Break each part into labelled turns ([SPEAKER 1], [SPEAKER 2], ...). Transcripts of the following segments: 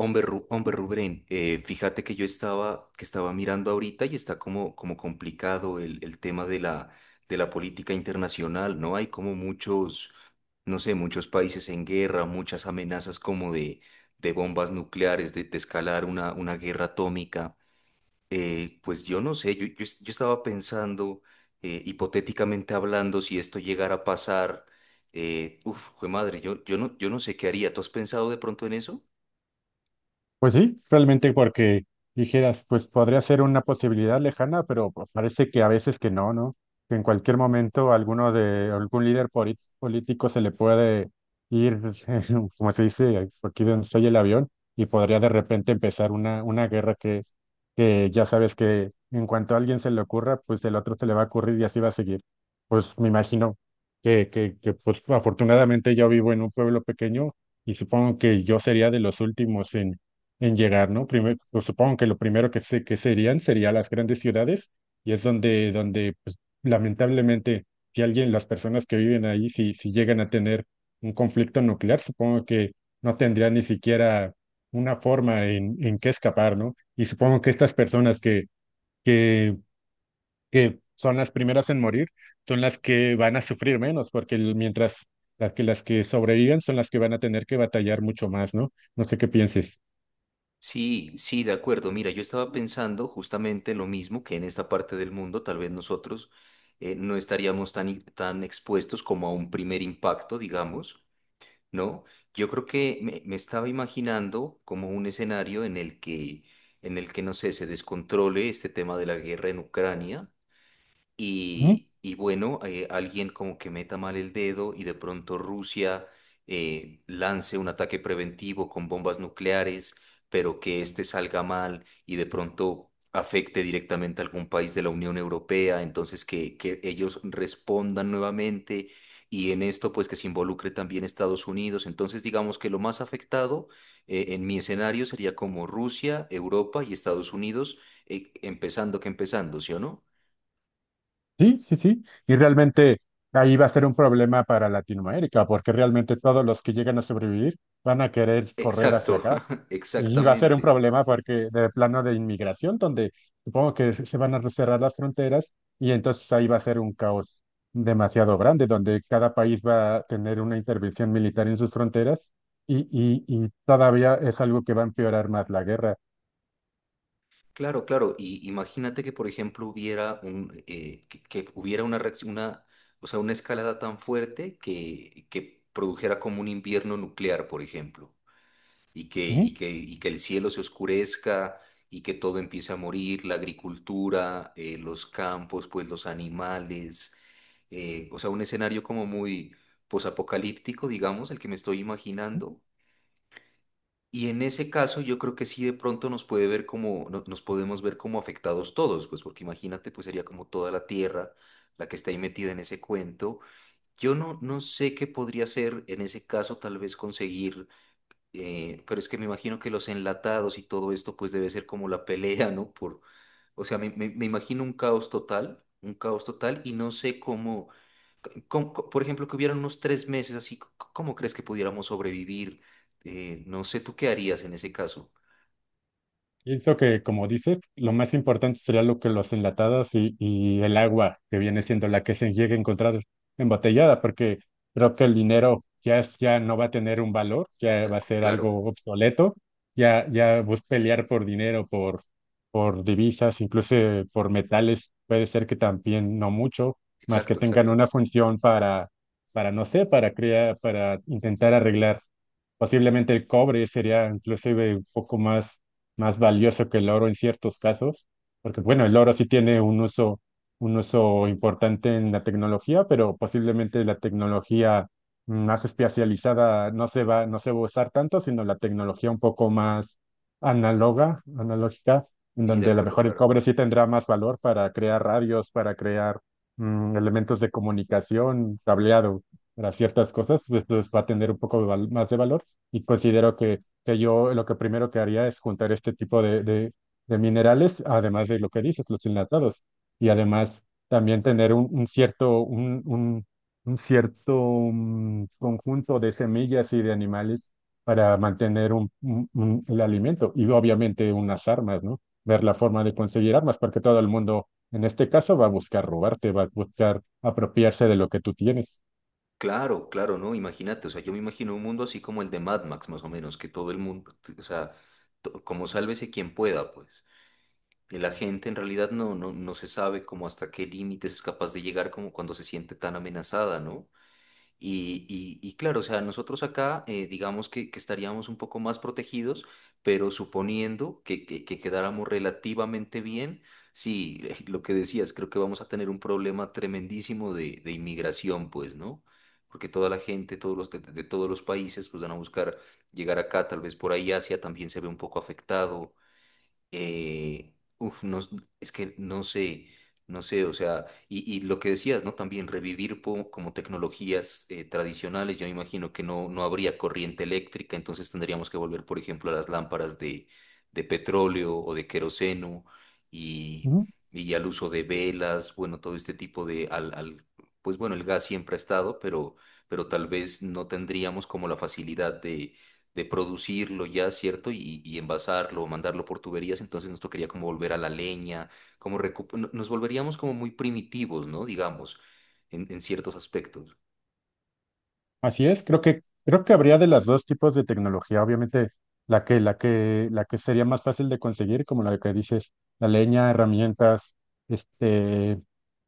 [SPEAKER 1] Hombre, hombre Rubén, fíjate que que estaba mirando ahorita y está como, como complicado el tema de la política internacional, ¿no? Hay como muchos, no sé, muchos países en guerra, muchas amenazas como de bombas nucleares, de escalar una guerra atómica. Pues yo no sé, yo estaba pensando, hipotéticamente hablando, si esto llegara a pasar, jue madre, yo no sé qué haría. ¿Tú has pensado de pronto en eso?
[SPEAKER 2] Pues sí, realmente porque dijeras, pues podría ser una posibilidad lejana, pero pues, parece que a veces que no, ¿no? Que en cualquier momento alguno de algún líder político se le puede ir, como se dice, aquí donde estoy el avión, y podría de repente empezar una guerra que ya sabes que en cuanto a alguien se le ocurra, pues el otro se le va a ocurrir y así va a seguir. Pues me imagino que pues afortunadamente yo vivo en un pueblo pequeño y supongo que yo sería de los últimos en llegar, ¿no? Primero, pues, supongo que lo primero que sé que serían sería las grandes ciudades y es donde, donde pues, lamentablemente, si alguien, las personas que viven ahí, si, llegan a tener un conflicto nuclear, supongo que no tendrían ni siquiera una forma en qué escapar, ¿no? Y supongo que estas personas que, que son las primeras en morir son las que van a sufrir menos, porque mientras las que sobreviven son las que van a tener que batallar mucho más, ¿no? No sé qué pienses.
[SPEAKER 1] Sí, sí, de acuerdo. Mira, yo estaba pensando justamente lo mismo que en esta parte del mundo, tal vez nosotros no estaríamos tan expuestos como a un primer impacto, digamos, ¿no? Yo creo que me estaba imaginando como un escenario en en el que, no sé, se descontrole este tema de la guerra en Ucrania y bueno, alguien como que meta mal el dedo y de pronto Rusia lance un ataque preventivo con bombas nucleares, pero que este salga mal y de pronto afecte directamente a algún país de la Unión Europea, entonces que ellos respondan nuevamente y en esto pues que se involucre también Estados Unidos. Entonces digamos que lo más afectado, en mi escenario sería como Rusia, Europa y Estados Unidos, empezando, ¿sí o no?
[SPEAKER 2] Sí, sí, sí. Y realmente ahí va a ser un problema para Latinoamérica, porque realmente todos los que llegan a sobrevivir van a querer correr hacia
[SPEAKER 1] Exacto,
[SPEAKER 2] acá. Y va a ser un
[SPEAKER 1] exactamente.
[SPEAKER 2] problema porque de plano de inmigración, donde supongo que se van a cerrar las fronteras y entonces ahí va a ser un caos demasiado grande, donde cada país va a tener una intervención militar en sus fronteras y todavía es algo que va a empeorar más la guerra.
[SPEAKER 1] Claro, claro. Y imagínate que, por ejemplo, que hubiera una reacción, o sea, una escalada tan fuerte que produjera como un invierno nuclear, por ejemplo, y que el cielo se oscurezca y que todo empiece a morir, la agricultura, los campos, pues los animales, o sea, un escenario como muy posapocalíptico, digamos, el que me estoy imaginando. Y en ese caso yo creo que sí de pronto nos puede ver como, nos podemos ver como afectados todos, pues porque imagínate, pues sería como toda la tierra la que está ahí metida en ese cuento. Yo no, no sé qué podría ser en ese caso tal vez conseguir, pero es que me imagino que los enlatados y todo esto pues debe ser como la pelea, ¿no? Por, o sea, me imagino un caos total y no sé cómo, por ejemplo, que hubieran unos tres meses así, ¿cómo crees que pudiéramos sobrevivir? No sé, ¿tú qué harías en ese caso?
[SPEAKER 2] Pienso que, como dices, lo más importante sería lo que los enlatados y el agua, que viene siendo la que se llegue a encontrar embotellada, porque creo que el dinero ya, ya no va a tener un valor, ya va a ser
[SPEAKER 1] Claro,
[SPEAKER 2] algo obsoleto, ya, ya vos pelear por dinero, por divisas, incluso por metales, puede ser que también no mucho, más que
[SPEAKER 1] exacto,
[SPEAKER 2] tengan
[SPEAKER 1] exacto.
[SPEAKER 2] una función para no sé, para crear, para intentar arreglar. Posiblemente el cobre sería inclusive un poco más valioso que el oro en ciertos casos, porque bueno, el oro sí tiene un uso importante en la tecnología, pero posiblemente la tecnología más especializada no se va a usar tanto, sino la tecnología un poco más análoga, analógica, en
[SPEAKER 1] Sí, de
[SPEAKER 2] donde a lo
[SPEAKER 1] acuerdo,
[SPEAKER 2] mejor el
[SPEAKER 1] claro.
[SPEAKER 2] cobre sí tendrá más valor para crear radios, para crear elementos de comunicación, cableado para ciertas cosas, pues, pues va a tener un poco de más de valor y considero que yo lo que primero que haría es juntar este tipo de minerales, además de lo que dices, los enlatados, y además también tener un cierto conjunto de semillas y de animales para mantener el alimento y obviamente unas armas, ¿no? Ver la forma de conseguir armas, porque todo el mundo en este caso va a buscar robarte, va a buscar apropiarse de lo que tú tienes.
[SPEAKER 1] Claro, claro, ¿no? Imagínate, o sea, yo me imagino un mundo así como el de Mad Max, más o menos, que todo el mundo, o sea, como sálvese quien pueda, pues. Y la gente en realidad no se sabe como hasta qué límites es capaz de llegar como cuando se siente tan amenazada, ¿no? Y claro, o sea, nosotros acá, digamos que estaríamos un poco más protegidos, pero suponiendo que quedáramos relativamente bien, sí, lo que decías, creo que vamos a tener un problema tremendísimo de inmigración, pues, ¿no? Porque toda la gente, todos los de todos los países, pues van a buscar llegar acá, tal vez por ahí Asia también se ve un poco afectado. Uf, no, s- es que no sé, no sé, o sea, y lo que decías, ¿no? También revivir como tecnologías tradicionales, yo me imagino que no, no habría corriente eléctrica, entonces tendríamos que volver, por ejemplo, a las lámparas de petróleo o de queroseno y, y al uso de velas, bueno, todo este tipo de, pues bueno, el gas siempre ha estado, pero tal vez no tendríamos como la facilidad de producirlo ya, ¿cierto? Y envasarlo, mandarlo por tuberías, entonces nos tocaría como volver a la leña, como recu- no- nos volveríamos como muy primitivos, ¿no? Digamos, en ciertos aspectos.
[SPEAKER 2] Así es, creo que habría de las dos tipos de tecnología, obviamente la que sería más fácil de conseguir, como la que dices, la leña, herramientas, este,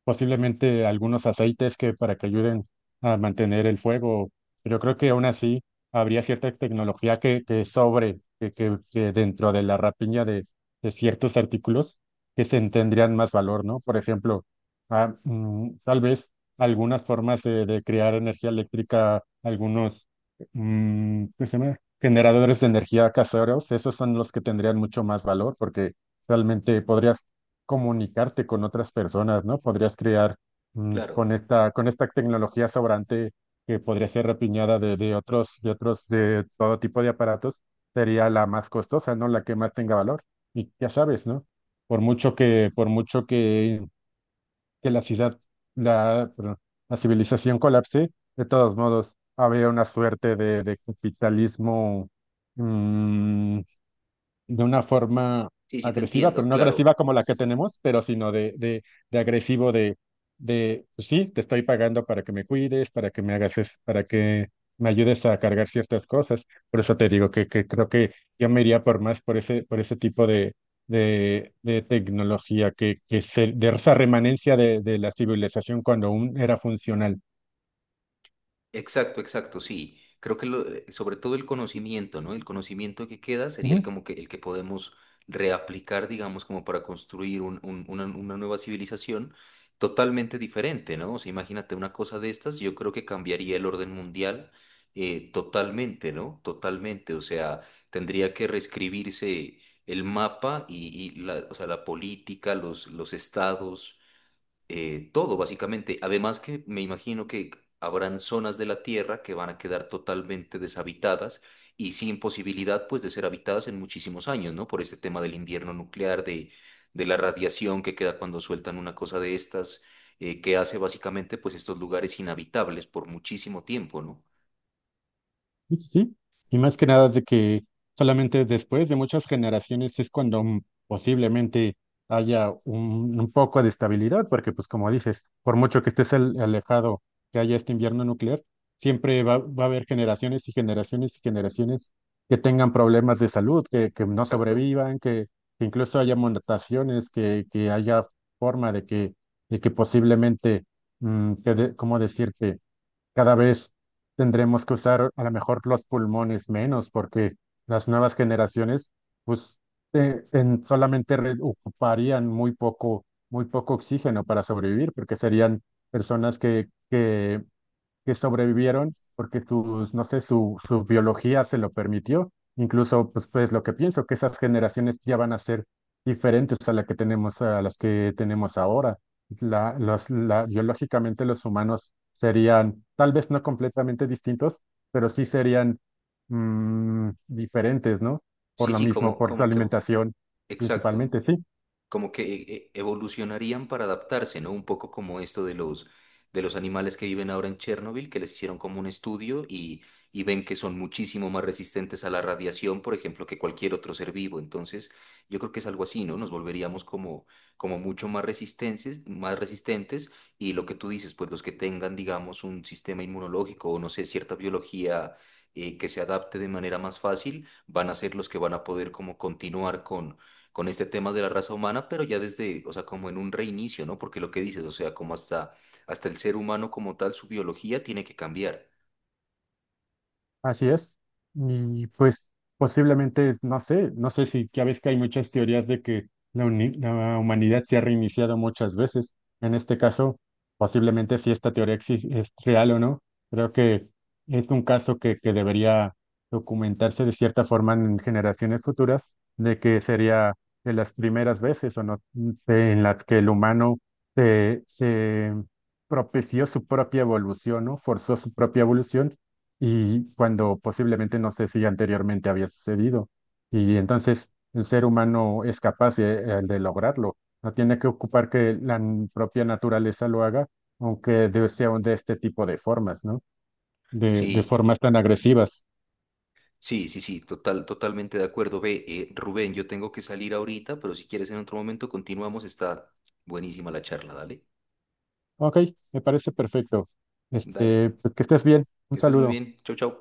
[SPEAKER 2] posiblemente algunos aceites que para que ayuden a mantener el fuego, pero creo que aún así habría cierta tecnología que sobre que dentro de la rapiña de ciertos artículos que se tendrían más valor, ¿no? Por ejemplo, tal vez algunas formas de crear energía eléctrica, algunos ¿cómo se llama? Generadores de energía caseros, esos son los que tendrían mucho más valor porque realmente podrías comunicarte con otras personas, ¿no? Podrías crear
[SPEAKER 1] Claro,
[SPEAKER 2] con esta tecnología sobrante que podría ser repiñada de, de otros, de todo tipo de aparatos, sería la más costosa, ¿no? La que más tenga valor. Y ya sabes, ¿no? Por mucho que la ciudad, la, perdón, la civilización colapse, de todos modos, habría una suerte de capitalismo mm, de una forma
[SPEAKER 1] sí, sí, te
[SPEAKER 2] agresiva, pero
[SPEAKER 1] entiendo,
[SPEAKER 2] no agresiva
[SPEAKER 1] claro.
[SPEAKER 2] como la que tenemos, pero sino de agresivo, de, pues sí, te estoy pagando para que me cuides, para que me hagas, para que me ayudes a cargar ciertas cosas. Por eso te digo que creo que yo me iría por más por ese tipo de tecnología, que se, de esa remanencia de la civilización cuando aún era funcional.
[SPEAKER 1] Exacto, exacto, sí. Creo que sobre todo el conocimiento, ¿no? El conocimiento que queda sería el
[SPEAKER 2] Ujú.
[SPEAKER 1] como que el que podemos reaplicar, digamos, como para construir una nueva civilización totalmente diferente, ¿no? O sea, imagínate una cosa de estas, yo creo que cambiaría el orden mundial totalmente, ¿no? Totalmente. O sea, tendría que reescribirse el mapa y la, o sea, la política, los estados, todo, básicamente. Además que me imagino que habrán zonas de la Tierra que van a quedar totalmente deshabitadas y sin posibilidad, pues, de ser habitadas en muchísimos años, ¿no? Por este tema del invierno nuclear, de la radiación que queda cuando sueltan una cosa de estas, que hace básicamente, pues, estos lugares inhabitables por muchísimo tiempo, ¿no?
[SPEAKER 2] Sí, sí, sí. Y más que nada de que solamente después de muchas generaciones es cuando posiblemente haya un poco de estabilidad, porque pues como dices, por mucho que estés alejado que haya este invierno nuclear, siempre va a haber generaciones y generaciones y generaciones que tengan problemas de salud, que no
[SPEAKER 1] Exacto.
[SPEAKER 2] sobrevivan, que incluso haya mutaciones, que haya forma de que posiblemente, ¿cómo decirte? Cada vez tendremos que usar a lo mejor los pulmones menos porque las nuevas generaciones pues solamente ocuparían muy poco oxígeno para sobrevivir porque serían personas que sobrevivieron porque sus, no sé, su biología se lo permitió. Incluso, pues, lo que pienso, que esas generaciones ya van a ser diferentes a la que tenemos, a las que tenemos ahora. Biológicamente los humanos serían tal vez no completamente distintos, pero sí serían diferentes, ¿no? Por
[SPEAKER 1] Sí,
[SPEAKER 2] lo
[SPEAKER 1] sí,
[SPEAKER 2] mismo,
[SPEAKER 1] como,
[SPEAKER 2] por su
[SPEAKER 1] como que,
[SPEAKER 2] alimentación
[SPEAKER 1] exacto.
[SPEAKER 2] principalmente, sí.
[SPEAKER 1] Como que evolucionarían para adaptarse, ¿no? Un poco como esto de los animales que viven ahora en Chernóbil, que les hicieron como un estudio y ven que son muchísimo más resistentes a la radiación, por ejemplo, que cualquier otro ser vivo. Entonces, yo creo que es algo así, ¿no? Nos volveríamos como, como mucho más resistentes y lo que tú dices, pues los que tengan, digamos, un sistema inmunológico o no sé, cierta biología, que se adapte de manera más fácil, van a ser los que van a poder como continuar con este tema de la raza humana, pero ya desde, o sea, como en un reinicio, ¿no? Porque lo que dices, o sea, como hasta, hasta el ser humano como tal, su biología tiene que cambiar.
[SPEAKER 2] Así es. Y pues posiblemente, no sé, no sé si ya ves que hay muchas teorías de que la, la humanidad se ha reiniciado muchas veces. En este caso, posiblemente si esta es real o no, creo que es un caso que debería documentarse de cierta forma en generaciones futuras, de que sería de las primeras veces o no sé, en las que el humano se propició su propia evolución, ¿no? Forzó su propia evolución y cuando posiblemente no sé si anteriormente había sucedido. Y entonces el ser humano es capaz de lograrlo. No tiene que ocupar que la propia naturaleza lo haga, aunque sea de este tipo de formas, ¿no? De
[SPEAKER 1] Sí,
[SPEAKER 2] formas tan agresivas.
[SPEAKER 1] sí, sí, sí, total, totalmente de acuerdo. Ve, Rubén, yo tengo que salir ahorita, pero si quieres en otro momento continuamos, está buenísima la charla, dale,
[SPEAKER 2] Ok, me parece perfecto.
[SPEAKER 1] dale,
[SPEAKER 2] Este, pues que estés bien.
[SPEAKER 1] que
[SPEAKER 2] Un
[SPEAKER 1] estés muy
[SPEAKER 2] saludo.
[SPEAKER 1] bien, chau, chau.